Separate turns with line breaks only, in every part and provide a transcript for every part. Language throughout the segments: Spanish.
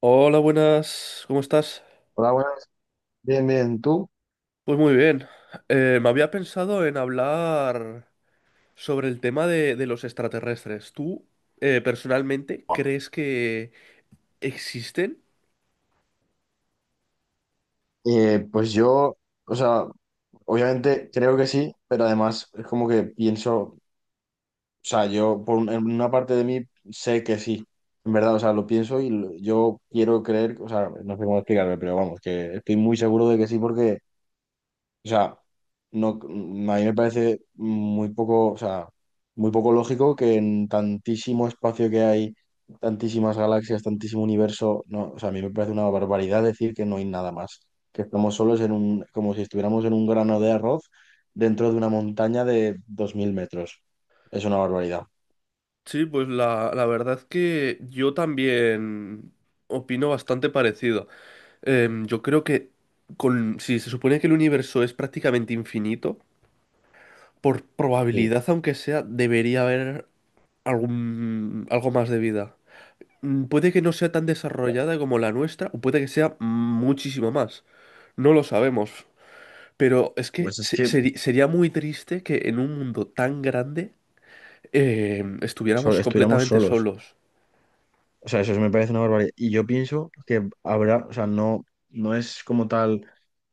Hola, buenas, ¿cómo estás?
Hola, buenas. Bien, bien. ¿Tú?
Pues muy bien. Me había pensado en hablar sobre el tema de los extraterrestres. ¿Tú, personalmente, crees que existen?
Pues yo, o sea, obviamente creo que sí, pero además es como que pienso, o sea, yo en una parte de mí sé que sí, en verdad, o sea, lo pienso y yo quiero creer, o sea, no sé cómo explicarme, pero vamos, que estoy muy seguro de que sí porque... O sea, no, a mí me parece muy poco, o sea, muy poco lógico que en tantísimo espacio que hay, tantísimas galaxias, tantísimo universo, no, o sea, a mí me parece una barbaridad decir que no hay nada más, que estamos solos en un, como si estuviéramos en un grano de arroz dentro de una montaña de 2000 metros. Es una barbaridad.
Sí, pues la verdad que yo también opino bastante parecido. Yo creo que si se supone que el universo es prácticamente infinito, por
Sí,
probabilidad, aunque sea, debería haber algo más de vida. Puede que no sea tan
hostias.
desarrollada como la nuestra, o puede que sea muchísimo más. No lo sabemos. Pero es que
Pues es que
sería muy triste que en un mundo tan grande estuviéramos
estuviéramos
completamente
solos.
solos.
O sea, eso sí me parece una barbaridad. Y yo pienso que habrá, o sea, no, no es como tal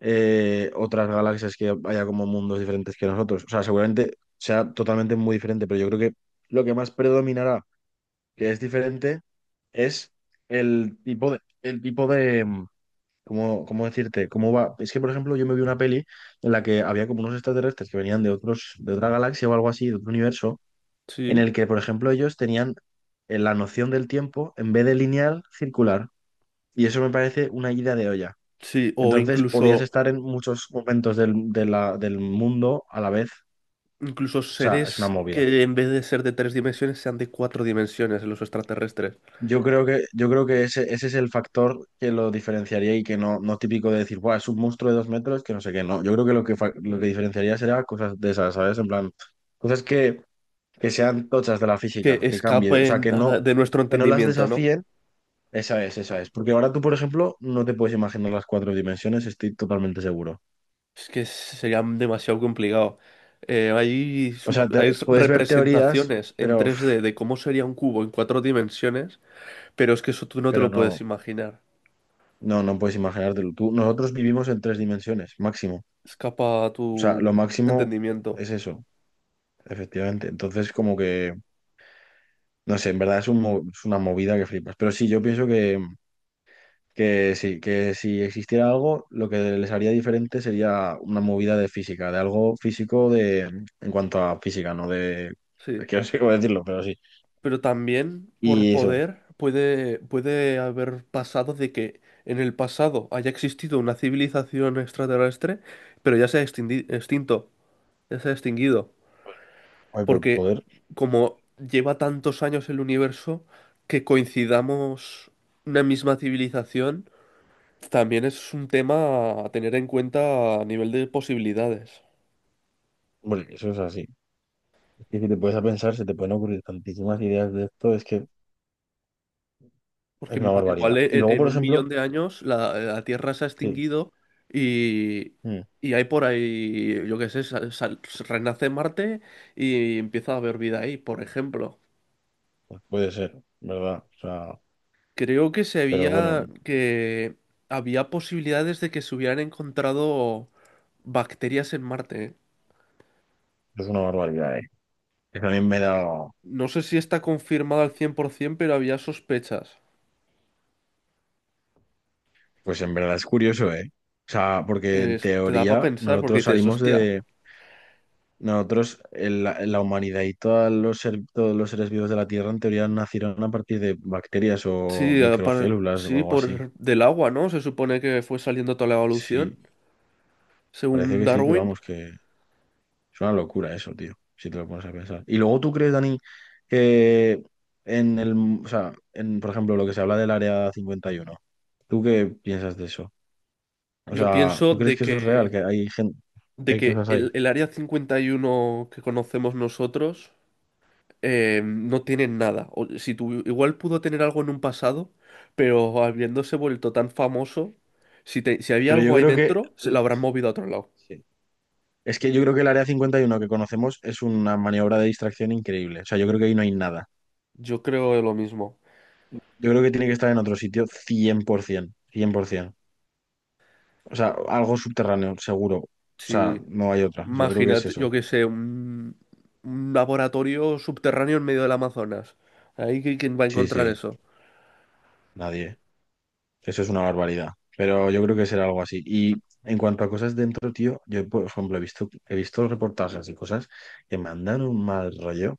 otras galaxias que haya como mundos diferentes que nosotros. O sea, seguramente sea totalmente muy diferente, pero yo creo que lo que más predominará, que es diferente, es el tipo de. ¿Cómo decirte? ¿Cómo va? Es que, por ejemplo, yo me vi una peli en la que había como unos extraterrestres que venían de de otra galaxia o algo así, de otro universo en
Sí.
el que, por ejemplo, ellos tenían la noción del tiempo en vez de lineal, circular. Y eso me parece una ida de olla.
Sí, o
Entonces podías
incluso,
estar en muchos momentos del mundo a la vez. O
incluso
sea, es una
seres
movida.
que en vez de ser de tres dimensiones sean de cuatro dimensiones, los extraterrestres,
Yo creo que ese es el factor que lo diferenciaría, y que no, no típico de decir: buah, es un monstruo de 2 metros, que no sé qué. No, yo creo que lo que diferenciaría será cosas de esas, ¿sabes? En plan, cosas que sean tochas de la
que
física, que cambie, o sea,
escapen
que no,
de nuestro
que no las
entendimiento, ¿no?
desafíen. Esa es, esa es. Porque ahora tú, por ejemplo, no te puedes imaginar las 4 dimensiones, estoy totalmente seguro.
Es que sería demasiado complicado. Eh, hay,
O
su-
sea,
hay s-
puedes ver teorías,
representaciones en
pero,
tres
uf,
d de cómo sería un cubo en cuatro dimensiones, pero es que eso tú no te
pero
lo
no,
puedes imaginar.
no puedes imaginártelo. Tú, nosotros vivimos en 3 dimensiones, máximo.
Escapa a
O sea, lo
tu
máximo
entendimiento.
es eso, efectivamente. Entonces, como que, no sé, en verdad es una movida que flipas. Pero sí, yo pienso que... Que sí, que si existiera algo, lo que les haría diferente sería una movida de física, de algo físico de, en cuanto a física, no de...
Sí.
Es que no sé cómo decirlo, pero sí.
Pero también por
Y eso,
poder puede haber pasado de que en el pasado haya existido una civilización extraterrestre, pero ya se ha extinto, ya se ha extinguido.
ay, por
Porque
poder,
como lleva tantos años el universo, que coincidamos una misma civilización, también es un tema a tener en cuenta a nivel de posibilidades.
bueno, eso es así. Es que si te puedes a pensar, se te pueden ocurrir tantísimas ideas de esto, es que es
Porque
una barbaridad. Y luego,
en
por
un millón
ejemplo,
de años la Tierra se ha
sí,
extinguido y,
mm,
y hay por ahí, yo qué sé, renace Marte y empieza a haber vida ahí, por ejemplo.
pues puede ser, ¿verdad? O sea,
Creo que
pero bueno,
había posibilidades de que se hubieran encontrado bacterias en Marte. ¿Eh?
es una barbaridad, ¿eh? Que también me da,
No sé si está confirmado al 100%, pero había sospechas.
pues en verdad es curioso, ¿eh? O sea, porque
Te,
en
Te da para
teoría
pensar porque
nosotros
dices,
salimos
hostia,
de... Nosotros, la humanidad y todos los, todos los seres vivos de la Tierra en teoría nacieron a partir de bacterias o
sí,
microcélulas o
sí,
algo así.
por del agua, ¿no? Se supone que fue saliendo toda la
Sí,
evolución,
parece
según
que sí, pero
Darwin.
vamos, que es una locura eso, tío, si te lo pones a pensar. Y luego tú crees, Dani, que en el, o sea, por ejemplo, lo que se habla del Área 51, ¿tú qué piensas de eso? O
Yo
sea,
pienso
¿tú crees que eso es real, que hay gente, que
de
hay
que
cosas ahí?
el área 51 que conocemos nosotros no tienen nada. O, si igual pudo tener algo en un pasado, pero habiéndose vuelto tan famoso, si, si había
Pero
algo
yo
ahí
creo que...
dentro, se lo habrán movido a otro lado.
Sí. Es que yo creo que el área 51 que conocemos es una maniobra de distracción increíble. O sea, yo creo que ahí no hay nada.
Yo creo lo mismo.
Yo creo que tiene que estar en otro sitio cien por ciento, cien por 100%. O sea, algo subterráneo, seguro. O sea,
Si,
no hay otra. Yo creo que es
imagínate,
eso.
yo qué sé, un laboratorio subterráneo en medio del Amazonas. Ahí quién va a
Sí,
encontrar
sí,
eso.
nadie. Eso es una barbaridad, pero yo creo que será algo así. Y en cuanto a cosas dentro, tío, yo, por ejemplo, he visto reportajes y cosas que me han dado un mal rollo,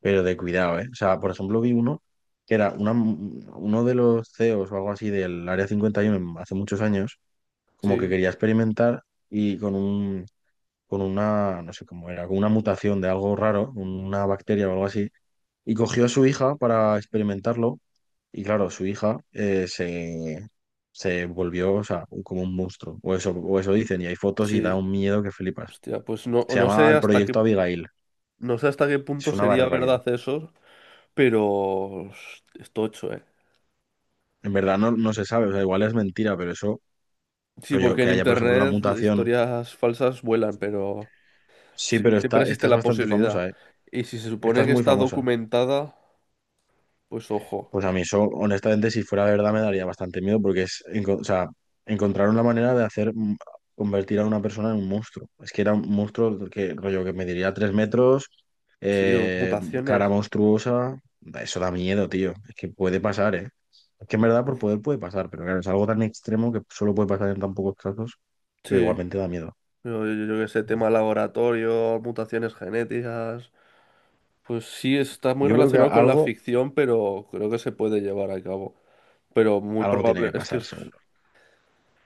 pero de cuidado, ¿eh? O sea, por ejemplo, vi uno que era una, uno de los CEOs o algo así del Área 51 hace muchos años, como
Sí,
que quería experimentar y con una, no sé cómo era, con una mutación de algo raro, una bacteria o algo así, y cogió a su hija para experimentarlo, y claro, su hija se volvió, o sea, como un monstruo, o eso dicen, y hay fotos y da
sí.
un miedo que flipas.
Hostia, pues no,
Se llama el proyecto Abigail,
no sé hasta qué punto
es una
sería
barbaridad.
verdad eso, pero es tocho, ¿eh?
En verdad no se sabe, o sea, igual es mentira, pero eso,
Sí,
rollo,
porque
que
en
haya, por ejemplo, una
internet
mutación.
historias falsas vuelan, pero
Sí,
sí,
pero
siempre
esta
existe
es
la
bastante
posibilidad.
famosa, ¿eh?
Y si se
Esta
supone
es
que
muy
está
famosa.
documentada, pues ojo,
Pues a mí eso, honestamente, si fuera verdad, me daría bastante miedo porque es, o sea, encontraron la manera de hacer convertir a una persona en un monstruo. Es que era un monstruo que, rollo, que mediría 3 metros,
sí, o
eh, cara
mutaciones.
monstruosa. Eso da miedo, tío. Es que puede pasar, ¿eh? Es que en verdad por
Uf,
poder puede pasar, pero claro, es algo tan extremo que solo puede pasar en tan pocos casos, pero
sí,
igualmente da miedo.
yo qué sé, tema laboratorio, mutaciones genéticas. Pues sí, está muy
Yo creo que
relacionado con la
algo,
ficción, pero creo que se puede llevar a cabo. Pero muy
algo tiene
probable,
que
es que
pasar, seguro.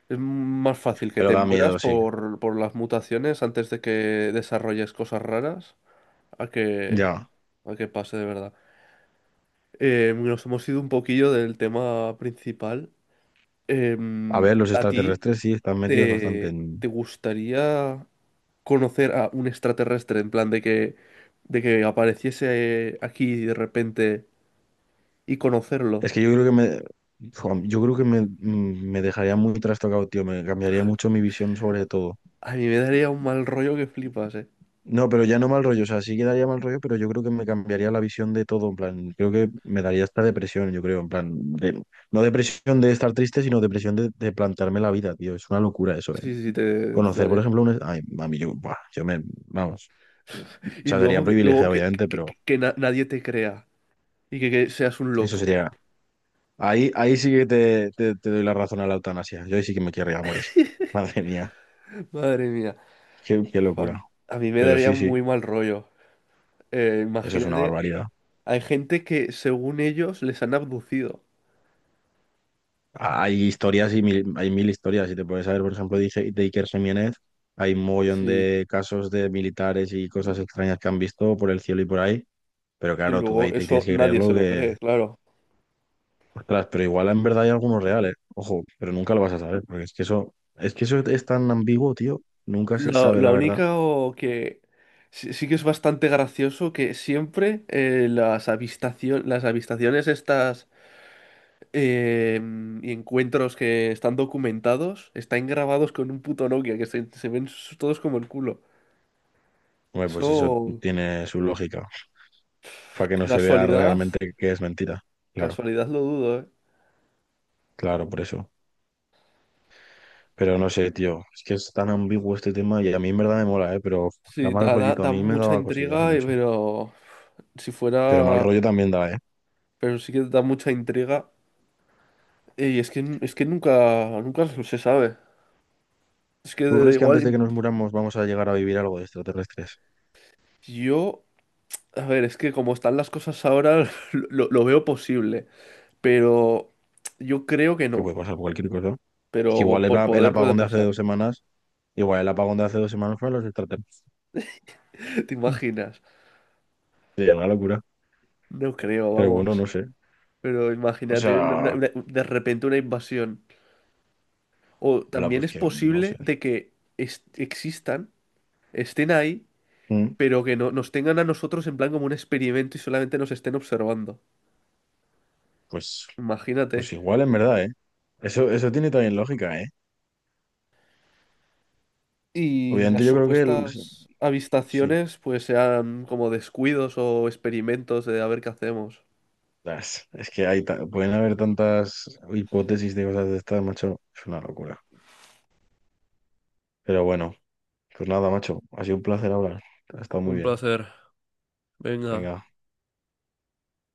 es más fácil que
Pero
te
da
mueras
miedo, sí.
por las mutaciones antes de que desarrolles cosas raras a que,
Ya.
a que pase de verdad. Nos hemos ido un poquillo del tema principal.
A ver, los
¿A ti
extraterrestres sí están metidos bastante en...
te gustaría conocer a un extraterrestre en plan de de que apareciese aquí de repente y
Es
conocerlo?
que yo creo que me, jo, yo creo que me, me dejaría muy trastocado, tío. Me cambiaría mucho mi visión sobre todo.
A mí me daría un mal rollo que flipas, eh.
No, pero ya no mal rollo. O sea, sí que daría mal rollo, pero yo creo que me cambiaría la visión de todo. En plan, creo que me daría esta depresión, yo creo. En plan, de... No depresión de estar triste, sino depresión de, plantearme la vida, tío. Es una locura eso, ¿eh?
Sí, sí, te
Conocer, por
daré.
ejemplo, un... Ay, mami, yo, buah, yo me... Vamos. O
Y
sea, sería
luego,
privilegiado, obviamente, pero
nadie te crea y que seas un
eso
loco.
sería... Ahí, ahí sí que te doy la razón a la eutanasia. Yo ahí sí que me querría morir. Madre mía,
Madre mía.
qué
A,
locura.
a mí me
Pero
daría
sí,
muy
sí,
mal rollo.
eso es una
Imagínate.
barbaridad.
Hay gente que, según ellos, les han abducido.
Hay historias y mil, hay mil historias. Si te puedes saber, por ejemplo, de, de Iker Jiménez, hay un mogollón
Sí,
de casos de militares y cosas extrañas que han visto por el cielo y por ahí. Pero
y
claro, tú de
luego
ahí te tienes
eso
que
nadie se
creerlo
lo
que...
cree, claro.
Ostras, pero igual en verdad hay algunos reales. Ojo, pero nunca lo vas a saber, porque es que eso, es que eso es tan ambiguo, tío. Nunca se sabe la
Lo
verdad.
único que sí, sí que es bastante gracioso que siempre las avistaciones estas eh, y encuentros que están documentados están grabados con un puto Nokia, que se ven todos como el culo.
Hombre, pues eso
Eso,
tiene su lógica, para que no se vea
casualidad,
realmente que es mentira. Claro,
casualidad lo dudo, ¿eh?
claro, por eso. Pero no sé, tío, es que es tan ambiguo este tema y a mí en verdad me mola, ¿eh? Pero da
Sí,
mal rollito, a
da
mí me
mucha
daba cosilla hace
intriga,
mucho.
pero si
Pero mal
fuera...
rollo también da, ¿eh?
pero sí que da mucha intriga. Es que nunca, nunca se sabe. Es que
¿Tú
de
crees que antes
igual
de que nos muramos vamos a llegar a vivir algo de extraterrestres?
yo, a ver, es que como están las cosas ahora, lo veo posible, pero yo creo que
Que puede
no.
pasar cualquier cosa. Es que
Pero
igual el,
por
a- el
poder puede
apagón de hace
pasar.
2 semanas, igual el apagón de hace 2 semanas fue a los extraterrestres.
¿Te imaginas?
Sería una locura.
No creo,
Pero bueno,
vamos.
no sé.
Pero
O
imagínate
sea,
de repente una invasión. O también
pues
es
que, no
posible
sé.
de que existan, estén ahí,
Mm,
pero que no, nos tengan a nosotros en plan como un experimento y solamente nos estén observando.
Pues,
Imagínate.
pues igual en verdad, ¿eh? Eso tiene también lógica, ¿eh?
Y las
Obviamente yo creo que el,
supuestas
sí.
avistaciones, pues sean como descuidos o experimentos de a ver qué hacemos.
Es que pueden haber tantas hipótesis de cosas de estas, macho. Es una locura. Pero bueno, pues nada, macho. Ha sido un placer hablar. Ha estado muy
Un
bien.
placer. Venga.
Venga.